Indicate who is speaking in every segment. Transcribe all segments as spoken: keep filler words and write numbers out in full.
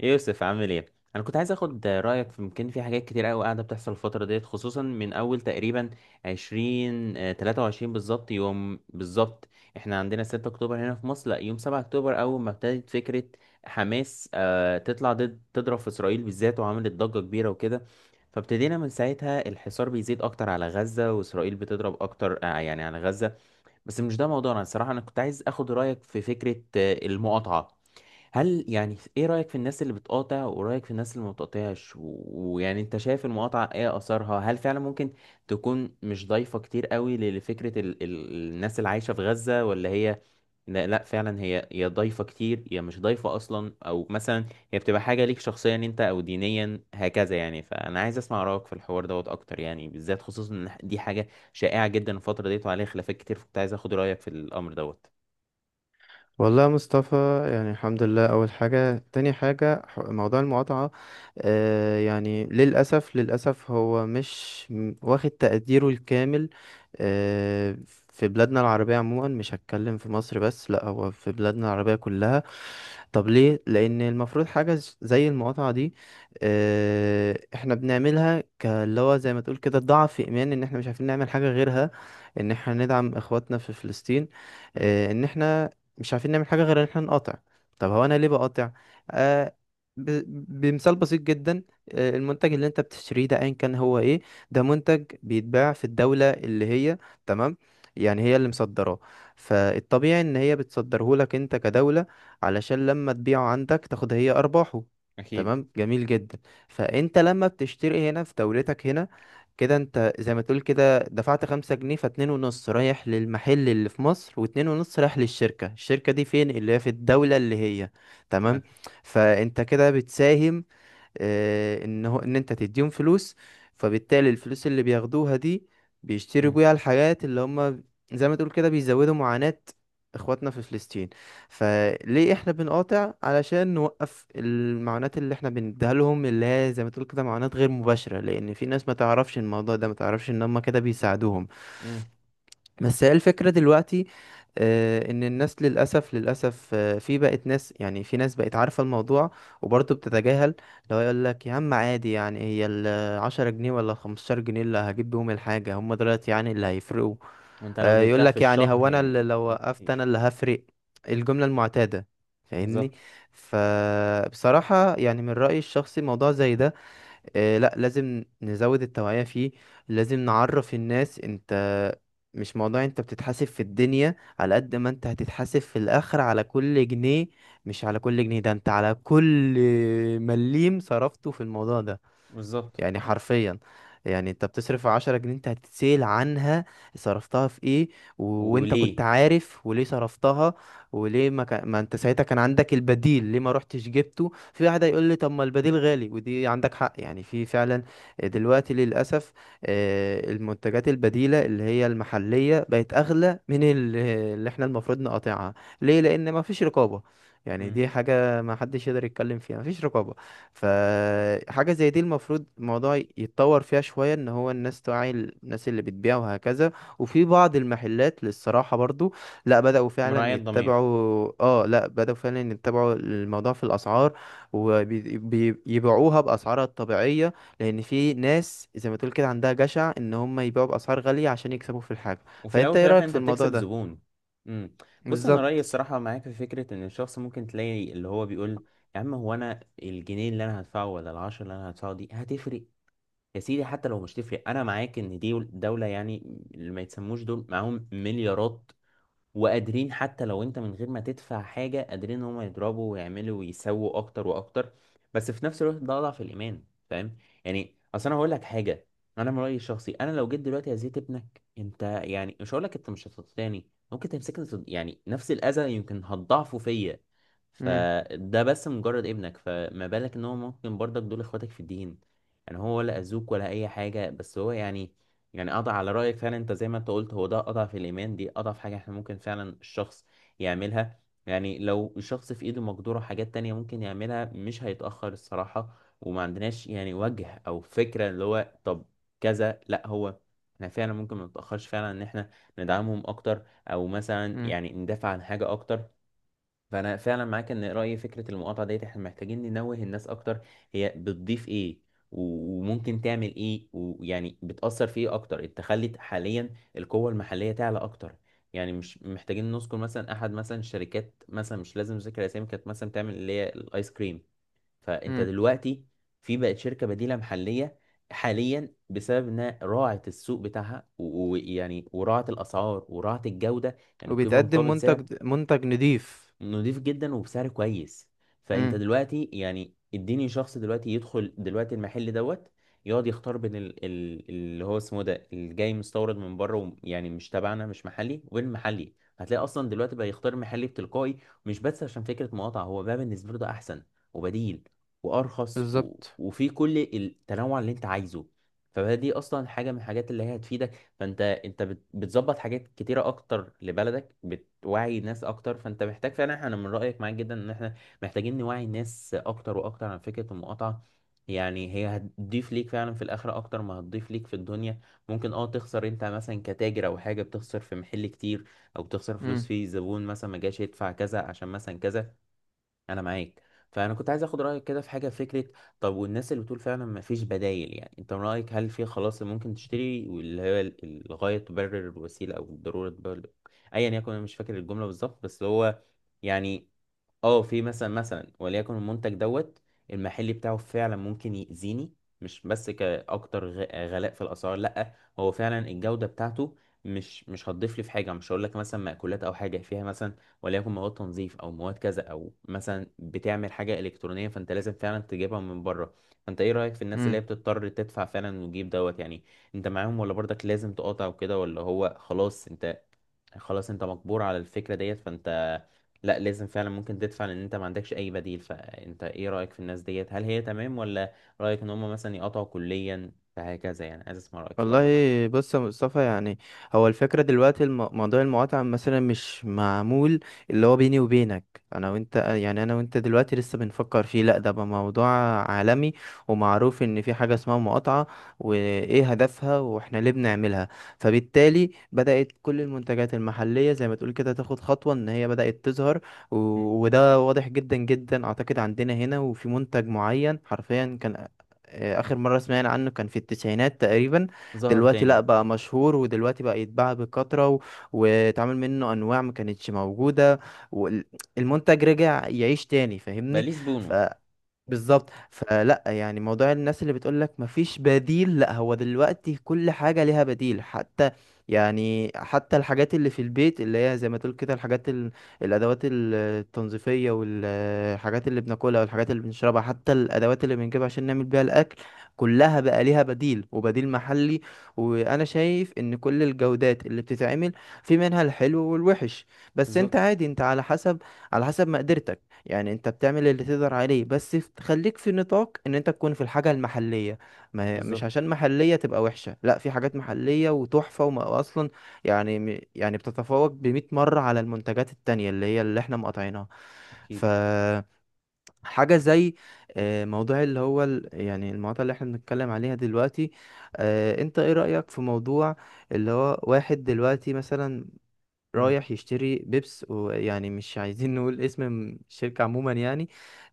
Speaker 1: يوسف عامل ايه؟ انا كنت عايز اخد رايك في يمكن في حاجات كتير قوي قاعده بتحصل الفتره ديت، خصوصا من اول تقريبا عشرين آه، تلاتة وعشرين بالظبط، يوم بالظبط. احنا عندنا ستة اكتوبر هنا في مصر، لا يوم سبعة اكتوبر اول ما ابتدت فكره حماس آه، تطلع ضد، تضرب في اسرائيل بالذات، وعملت ضجه كبيره وكده. فابتدينا من ساعتها الحصار بيزيد اكتر على غزه، واسرائيل بتضرب اكتر، آه، يعني على غزه. بس مش ده موضوعنا الصراحه. انا كنت عايز اخد رايك في فكره آه، المقاطعه. هل يعني ايه رأيك في الناس اللي بتقاطع، ورأيك في الناس اللي ما بتقاطعش، و- ويعني انت شايف المقاطعة ايه اثرها؟ هل فعلا ممكن تكون مش ضايفة كتير قوي ل- لفكرة ال ال الناس اللي عايشة في غزة، ولا هي؟ لا, لا فعلا هي هي ضايفة كتير، هي مش ضايفة اصلا، او مثلا هي بتبقى حاجة ليك شخصيا انت، او دينيا هكذا، يعني. فانا عايز اسمع رأيك في الحوار دوت اكتر، يعني بالذات، خصوصا ان دي حاجة شائعة جدا الفترة ديت وعليها خلافات كتير، فكنت عايز اخد رأيك في الامر دوت.
Speaker 2: والله يا مصطفى، يعني الحمد لله. اول حاجه، تاني حاجه ح- موضوع المقاطعه. آه يعني للاسف للاسف هو مش م- واخد تقديره الكامل. آه في بلادنا العربيه عموما، مش هتكلم في مصر بس، لا هو في بلادنا العربيه كلها. طب ليه؟ لان المفروض حاجه ز- زي المقاطعه دي. آه احنا بنعملها كاللي هو زي ما تقول كده ضعف ايمان، ان احنا مش عارفين نعمل حاجه غيرها، ان احنا ندعم اخواتنا في فلسطين.
Speaker 1: مم،
Speaker 2: آه، ان احنا مش عارفين نعمل حاجة غير ان احنا نقاطع. طب هو انا ليه بقاطع؟ آه ب... بمثال بسيط جدا. آه المنتج اللي انت بتشتريه ده ايا كان هو ايه؟ ده منتج بيتباع في الدولة اللي هي، تمام، يعني هي اللي مصدراه. فالطبيعي ان هي بتصدره لك انت كدولة، علشان لما تبيعه عندك تاخد هي ارباحه.
Speaker 1: اكيد.
Speaker 2: تمام، جميل جدا. فانت لما بتشتري هنا في دولتك هنا، كده انت زي ما تقول كده، انت دفعت خمسة جنيه، فاتنين ونص رايح للمحل اللي في مصر، واتنين ونص رايح للشركة. الشركة دي فين؟ اللي هي في الدولة اللي هي،
Speaker 1: ما-
Speaker 2: تمام. فانت كده بتساهم، آه، ان هو، ان انت تديهم فلوس. فبالتالي الفلوس اللي بياخدوها دي، بيشتروا
Speaker 1: مم،
Speaker 2: بيها الحاجات اللي هم زي ما تقول كده بيزودوا معاناة اخواتنا في فلسطين. فليه احنا بنقاطع؟ علشان نوقف المعاناة اللي احنا بنديها لهم، اللي هي زي ما تقول كده معاناة غير مباشرة، لان في ناس ما تعرفش الموضوع ده، ما تعرفش ان هم كده بيساعدوهم.
Speaker 1: مم.
Speaker 2: بس هي الفكرة دلوقتي، آه، ان الناس للاسف للاسف، آه، في بقت ناس، يعني في ناس بقت عارفة الموضوع وبرضه بتتجاهل. لو يقول لك يا عم عادي، يعني هي العشرة جنيه ولا خمستاشر جنيه اللي هجيب بيهم الحاجة هم دلوقتي يعني اللي هيفرقوا؟
Speaker 1: وانت لو
Speaker 2: آه، يقول
Speaker 1: جبتها في
Speaker 2: لك يعني هو
Speaker 1: الشهر
Speaker 2: انا اللي
Speaker 1: يعني
Speaker 2: لو وقفت انا
Speaker 1: كتير.
Speaker 2: اللي هفرق؟ الجملة المعتادة. فاهمني.
Speaker 1: بالظبط.
Speaker 2: فبصراحة يعني من رأيي الشخصي موضوع زي ده، آه، لا لازم نزود التوعية فيه. لازم نعرف الناس. انت مش موضوع انت بتتحاسب في الدنيا، على قد ما انت هتتحاسب في الاخر على كل جنيه. مش على كل جنيه ده، انت على كل مليم صرفته في الموضوع ده.
Speaker 1: بالظبط.
Speaker 2: يعني حرفيا، يعني انت بتصرف عشرة جنيه، انت هتتسأل عنها. صرفتها في ايه؟ و... وانت
Speaker 1: وليه.
Speaker 2: كنت عارف وليه صرفتها؟ وليه ما, كان... ما انت ساعتها كان عندك البديل، ليه ما رحتش جبته؟ في واحد هيقول لي طب ما البديل غالي، ودي عندك حق يعني في فعلا. آه، دلوقتي للأسف، آه، المنتجات البديلة اللي هي المحلية بقت أغلى من ال- اللي احنا المفروض نقاطعها. ليه؟ لأن ما فيش رقابة. يعني
Speaker 1: مم.
Speaker 2: دي حاجة ما حدش يقدر يتكلم فيها، ما فيش رقابة. فحاجة زي دي المفروض الموضوع يتطور فيها شوية، ان هو الناس توعي الناس اللي بتبيع وهكذا. وفي بعض المحلات للصراحة برضو، لا بدأوا فعلا
Speaker 1: مراعية ضمير.
Speaker 2: يتبعوا اه لا بدأوا فعلا يتبعوا الموضوع في الأسعار، وبيبيعوها بأسعارها الطبيعية. لأن في ناس زي ما تقول كده عندها جشع ان هم يبيعوا بأسعار غالية عشان يكسبوا في الحاجة.
Speaker 1: وفي الاول
Speaker 2: فأنت
Speaker 1: وفي
Speaker 2: ايه
Speaker 1: الاخر
Speaker 2: رأيك في
Speaker 1: انت
Speaker 2: الموضوع
Speaker 1: بتكسب
Speaker 2: ده؟
Speaker 1: زبون. مم. بص، انا رايي
Speaker 2: بالظبط.
Speaker 1: الصراحه معاك في فكره ان الشخص ممكن تلاقي اللي هو بيقول: يا عم، هو انا الجنيه اللي انا هدفعه، ولا العشرة اللي انا هدفعه دي هتفرق؟ يا سيدي، حتى لو مش تفرق، انا معاك ان دي دولة، يعني اللي ما يتسموش دول معاهم مليارات، وقادرين حتى لو انت من غير ما تدفع حاجة، قادرين ان هم يضربوا ويعملوا ويسووا اكتر واكتر. بس في نفس الوقت ده اضعف الايمان، فاهم؟ يعني اصل انا هقول لك حاجة. انا من رأيي الشخصي، انا لو جيت دلوقتي اذيت ابنك انت، يعني مش هقول لك انت مش هتطلعني، ممكن تمسكني تض- يعني نفس الاذى يمكن هتضاعفه فيا.
Speaker 2: امم
Speaker 1: فده بس مجرد ابنك، فما بالك ان هو ممكن برضك دول اخواتك في الدين. يعني هو ولا اذوك ولا اي حاجة، بس هو يعني، يعني قطع على رأيك فعلا. انت زي ما انت قلت، هو ده قطع في الإيمان، دي قطع في حاجة احنا ممكن فعلا الشخص يعملها. يعني لو الشخص في ايده مقدورة حاجات تانية ممكن يعملها، مش هيتأخر الصراحة. وما عندناش يعني وجه أو فكرة اللي هو طب كذا، لا هو احنا فعلا ممكن ما نتأخرش فعلا ان احنا ندعمهم اكتر، او مثلا
Speaker 2: امم
Speaker 1: يعني ندافع عن حاجة اكتر. فانا فعلا معاك ان رايي فكره المقاطعه ديت احنا محتاجين ننوه الناس اكتر. هي بتضيف ايه، و- وممكن تعمل ايه، ويعني بتاثر في ايه اكتر. انت خلت حاليا القوه المحليه تعلى اكتر. يعني مش محتاجين نذكر مثلا احد، مثلا الشركات، مثلا مش لازم ذكر اسامي، كانت مثلا بتعمل اللي هي الايس كريم. فانت
Speaker 2: امم
Speaker 1: دلوقتي في بقت شركه بديله محليه حاليا بسبب انها راعت السوق بتاعها، و- ويعني وراعت الاسعار وراعت الجوده، يعني قيمه
Speaker 2: وبيتقدم
Speaker 1: مقابل سعر.
Speaker 2: منتج منتج نضيف.
Speaker 1: نضيف جدا وبسعر كويس. فانت
Speaker 2: امم.
Speaker 1: دلوقتي يعني اديني شخص دلوقتي يدخل دلوقتي المحل دوت يقعد يختار بين ال... ال... اللي هو اسمه ده اللي جاي مستورد من بره، وم- يعني مش تبعنا، مش محلي، والمحلي هتلاقي اصلا دلوقتي بقى يختار محلي بتلقائي. مش بس عشان فكرة مقاطعة، هو بقى بالنسبة له ده احسن وبديل وارخص، و...
Speaker 2: بالظبط.
Speaker 1: وفي كل التنوع اللي انت عايزه. فدي اصلا حاجة من الحاجات اللي هي هتفيدك. فانت انت بت- بتظبط حاجات كتيره اكتر لبلدك، بتوعي ناس اكتر. فانت محتاج فعلا، احنا، انا من رايك معاك جدا، ان احنا محتاجين نوعي الناس اكتر واكتر عن فكره المقاطعه. يعني هي هتضيف ليك فعلا في الاخره اكتر ما هتضيف ليك في الدنيا. ممكن اه تخسر انت مثلا كتاجر، او حاجه بتخسر في محل كتير، او بتخسر فلوس
Speaker 2: امم
Speaker 1: فيه، زبون مثلا ما جاش يدفع كذا عشان مثلا كذا. انا معاك. فانا كنت عايز اخد رايك كده في حاجه، في فكره. طب والناس اللي بتقول فعلا ما فيش بدايل، يعني انت من رايك هل في خلاص اللي ممكن تشتري، واللي هي ال- الغايه تبرر الوسيله، او الضروره تبرر ايا يكن؟ انا مش فاكر الجمله بالظبط، بس هو يعني، اه في مثلا، مثلا وليكن المنتج دوت المحلي بتاعه فعلا ممكن يأذيني، مش بس كأكتر غ- غلاء في الأسعار، لأ، هو فعلا الجودة بتاعته مش مش هتضيف لي في حاجة. مش هقول لك مثلا مأكولات أو حاجة فيها، مثلا وليكن مواد تنظيف، أو مواد كذا، أو مثلا بتعمل حاجة إلكترونية فأنت لازم فعلا تجيبها من بره. فأنت إيه رأيك في الناس اللي هي بتضطر تدفع فعلا وتجيب دوت يعني؟ أنت معاهم، ولا برضك لازم تقاطع وكده، ولا هو خلاص أنت، خلاص أنت مجبور على الفكرة ديت، فأنت لا لازم فعلا ممكن تدفع لان انت ما عندكش اي بديل؟ فانت ايه رأيك في الناس ديت، هل هي تمام، ولا رأيك ان هم مثلا يقطعوا كليا فهكذا؟ يعني عايز اسمع رأيك في الامر ده.
Speaker 2: والله، بص يا مصطفى. يعني هو الفكرة دلوقتي، الم- موضوع المقاطعة مثلا مش معمول اللي هو بيني وبينك، أنا وأنت، يعني أنا وأنت دلوقتي لسه بنفكر فيه، لأ ده بقى موضوع عالمي، ومعروف إن في حاجة اسمها مقاطعة، وإيه هدفها، وإحنا ليه بنعملها. فبالتالي بدأت كل المنتجات المحلية زي ما تقول كده تاخد خطوة إن هي بدأت تظهر. و...
Speaker 1: مم.
Speaker 2: وده واضح جدا جدا أعتقد عندنا هنا، وفي منتج معين حرفيا كان، آه، آخر مرة سمعنا عنه كان في التسعينات تقريبا.
Speaker 1: ظاهر
Speaker 2: دلوقتي لا،
Speaker 1: تاني.
Speaker 2: بقى مشهور ودلوقتي بقى يتباع بكثرة و- واتعمل منه انواع ما كانتش موجودة، والمنتج رجع يعيش تاني. فاهمني.
Speaker 1: بليز بونو.
Speaker 2: بالظبط. فلا يعني موضوع الناس اللي بتقولك مفيش بديل، لا هو دلوقتي كل حاجة ليها بديل، حتى يعني حتى الحاجات اللي في البيت اللي هي زي ما تقول كده الحاجات ال... الأدوات ال- التنظيفية والحاجات اللي بناكلها والحاجات اللي بنشربها، حتى الأدوات اللي بنجيبها عشان نعمل بيها الأكل، كلها بقى ليها بديل وبديل محلي. وأنا شايف إن كل الجودات اللي بتتعمل، في منها الحلو والوحش، بس أنت
Speaker 1: بالظبط.
Speaker 2: عادي، أنت على حسب، على حسب مقدرتك. يعني انت بتعمل اللي تقدر عليه بس، ف- خليك في نطاق ان انت تكون في الحاجة المحلية. ما هي مش
Speaker 1: بالظبط.
Speaker 2: عشان محلية تبقى وحشة، لا، في حاجات محلية وتحفة وما اصلا، يعني م- يعني بتتفوق بمئة مرة على المنتجات التانية اللي هي اللي احنا مقاطعينها.
Speaker 1: اكيد.
Speaker 2: فحاجة زي، آه، موضوع اللي هو، ال- يعني المقاطعة اللي احنا بنتكلم عليها دلوقتي. آه، انت ايه رأيك في موضوع اللي هو، واحد دلوقتي مثلا
Speaker 1: مم.
Speaker 2: رايح يشتري بيبس، ويعني مش عايزين نقول اسم م- الشركة عموما، يعني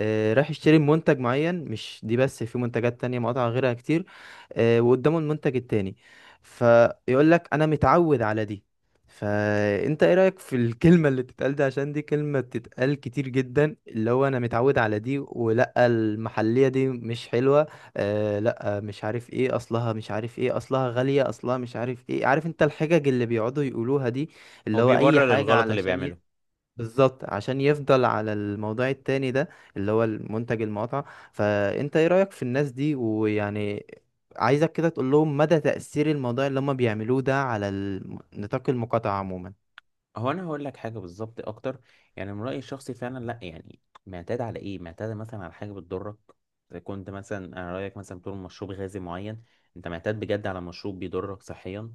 Speaker 2: آه، رايح يشتري منتج معين، مش دي بس، في منتجات تانية مقاطع غيرها كتير. آه، وقدامه المنتج التاني، فيقول لك انا متعود على دي. فانت ايه رأيك في الكلمة اللي بتتقال دي؟ عشان دي كلمة بتتقال كتير جدا، اللي هو انا متعود على دي، ولا المحلية دي مش حلوة، آه لا مش عارف ايه اصلها، مش عارف ايه اصلها، غالية، اصلها مش عارف ايه. عارف انت الحجج اللي بيقعدوا يقولوها دي،
Speaker 1: هو
Speaker 2: اللي هو اي
Speaker 1: بيبرر
Speaker 2: حاجة
Speaker 1: الغلط اللي
Speaker 2: علشان ي...
Speaker 1: بيعمله.
Speaker 2: بالظبط، عشان يفضل على الموضوع التاني ده اللي هو المنتج المقاطعة. فانت ايه رأيك في الناس دي؟ ويعني عايزك كده تقول لهم مدى تأثير الموضوع اللي هم بيعملوه ده على ال- نطاق المقاطعة عموما.
Speaker 1: هو انا هقول لك حاجه بالظبط اكتر. يعني من رايي الشخصي فعلا، لا يعني معتاد على ايه؟ معتاد مثلا على حاجه بتضرك. اذا كنت مثلا، انا رايك مثلا، بتقول مشروب غازي معين، انت معتاد بجد على مشروب بيضرك صحيا،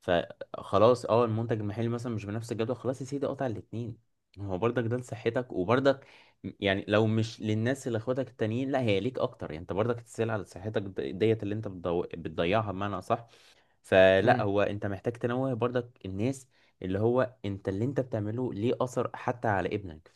Speaker 1: فخلاص اه المنتج المحلي مثلا مش بنفس الجودة، خلاص يا سيدي قطع الاتنين. هو برضك ده لصحتك، وبرضك م- يعني لو مش للناس اللي اخواتك التانيين، لا هي ليك اكتر. يعني انت برضك تسأل على صحتك د- ديت اللي انت بتضو... بتضيعها بمعنى اصح. فلا
Speaker 2: امم
Speaker 1: هو انت محتاج تنوه برضك الناس اللي هو انت اللي انت بتعمله ليه اثر حتى على ابنك.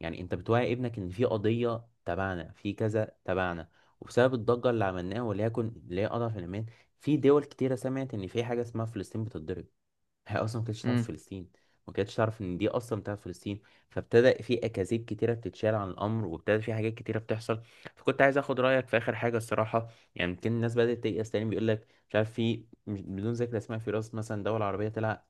Speaker 1: يعني انت بتوعي ابنك ان في قضية تبعنا، في كذا تبعنا، وبسبب الضجة اللي عملناها، وليكن اللي هي اضعف الايمان، في دول كتيرة سمعت ان في حاجة اسمها فلسطين بتتضرب. هي اصلا ما كانتش تعرف
Speaker 2: امم
Speaker 1: فلسطين، ما كانتش تعرف ان دي اصلا بتاعت فلسطين. فابتدى في اكاذيب كتيرة بتتشال عن الامر، وابتدى في حاجات كتيرة بتحصل. فكنت عايز اخد رايك في اخر حاجة الصراحة. يعني يمكن الناس بدأت تيأس تاني. بيقول لك مش عارف، في مش- بدون ذكر اسماء، في راس مثلا دول عربية طلع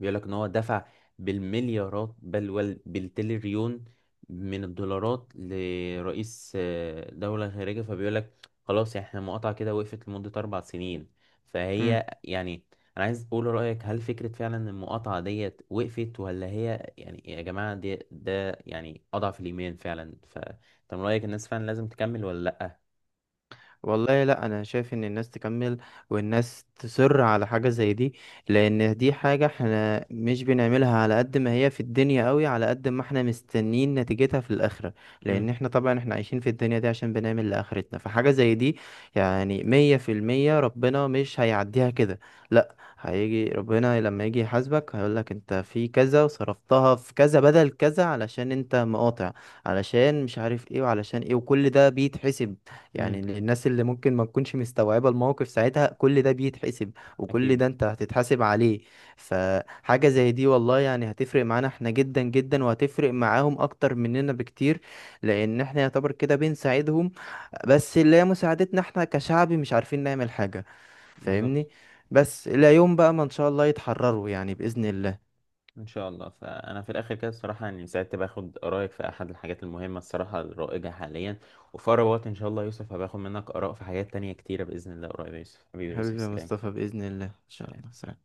Speaker 1: بيقول لك ان هو دفع بالمليارات، بل وال- بالتريليون من الدولارات لرئيس آه، دولة خارجية، فبيقول لك خلاص يعني احنا المقاطعة كده وقفت لمدة أربع سنين. فهي يعني أنا عايز أقول رأيك، هل فكرة فعلا إن المقاطعة ديت وقفت، ولا هي يعني يا جماعة دي ده يعني أضعف الإيمان فعلا؟ فأنت من رأيك الناس فعلا لازم تكمل ولا لأ؟
Speaker 2: والله لا، انا شايف ان الناس تكمل، والناس تصر على حاجة زي دي، لان دي حاجة احنا مش بنعملها على قد ما هي في الدنيا قوي، على قد ما احنا مستنين نتيجتها في الاخرة.
Speaker 1: امم.
Speaker 2: لان احنا طبعا احنا عايشين في الدنيا دي عشان بنعمل لاخرتنا. فحاجة زي دي يعني مية في المية ربنا مش هيعديها كده. لا، هيجي ربنا لما يجي يحاسبك، هيقولك انت في كذا وصرفتها في كذا بدل كذا علشان انت مقاطع، علشان مش عارف ايه وعلشان ايه، وكل ده بيتحسب. يعني
Speaker 1: امم.
Speaker 2: للناس اللي ممكن ما تكونش مستوعبة الموقف ساعتها، كل ده بيتحسب، وكل
Speaker 1: أكيد.
Speaker 2: ده انت هتتحاسب عليه. فحاجة زي دي والله يعني هتفرق معانا احنا جدا جدا، وهتفرق معاهم اكتر مننا بكتير. لان احنا يعتبر كده بنساعدهم، بس اللي هي مساعدتنا احنا كشعب مش عارفين نعمل حاجة.
Speaker 1: بالظبط.
Speaker 2: فاهمني. بس الى يوم بقى ما ان شاء الله يتحرروا يعني بإذن الله.
Speaker 1: ان شاء الله. فانا في الاخر كده الصراحه يعني سعدت باخد رايك في احد الحاجات المهمه الصراحه الرائجه حاليا. وفي اقرب وقت ان شاء الله يا يوسف هباخد منك اراء في حاجات تانية كتيره باذن الله قريب. يا يوسف، حبيبي يا يوسف،
Speaker 2: حبيبي يا
Speaker 1: سلام.
Speaker 2: مصطفى، بإذن الله ان شاء
Speaker 1: سلام.
Speaker 2: الله. سلام.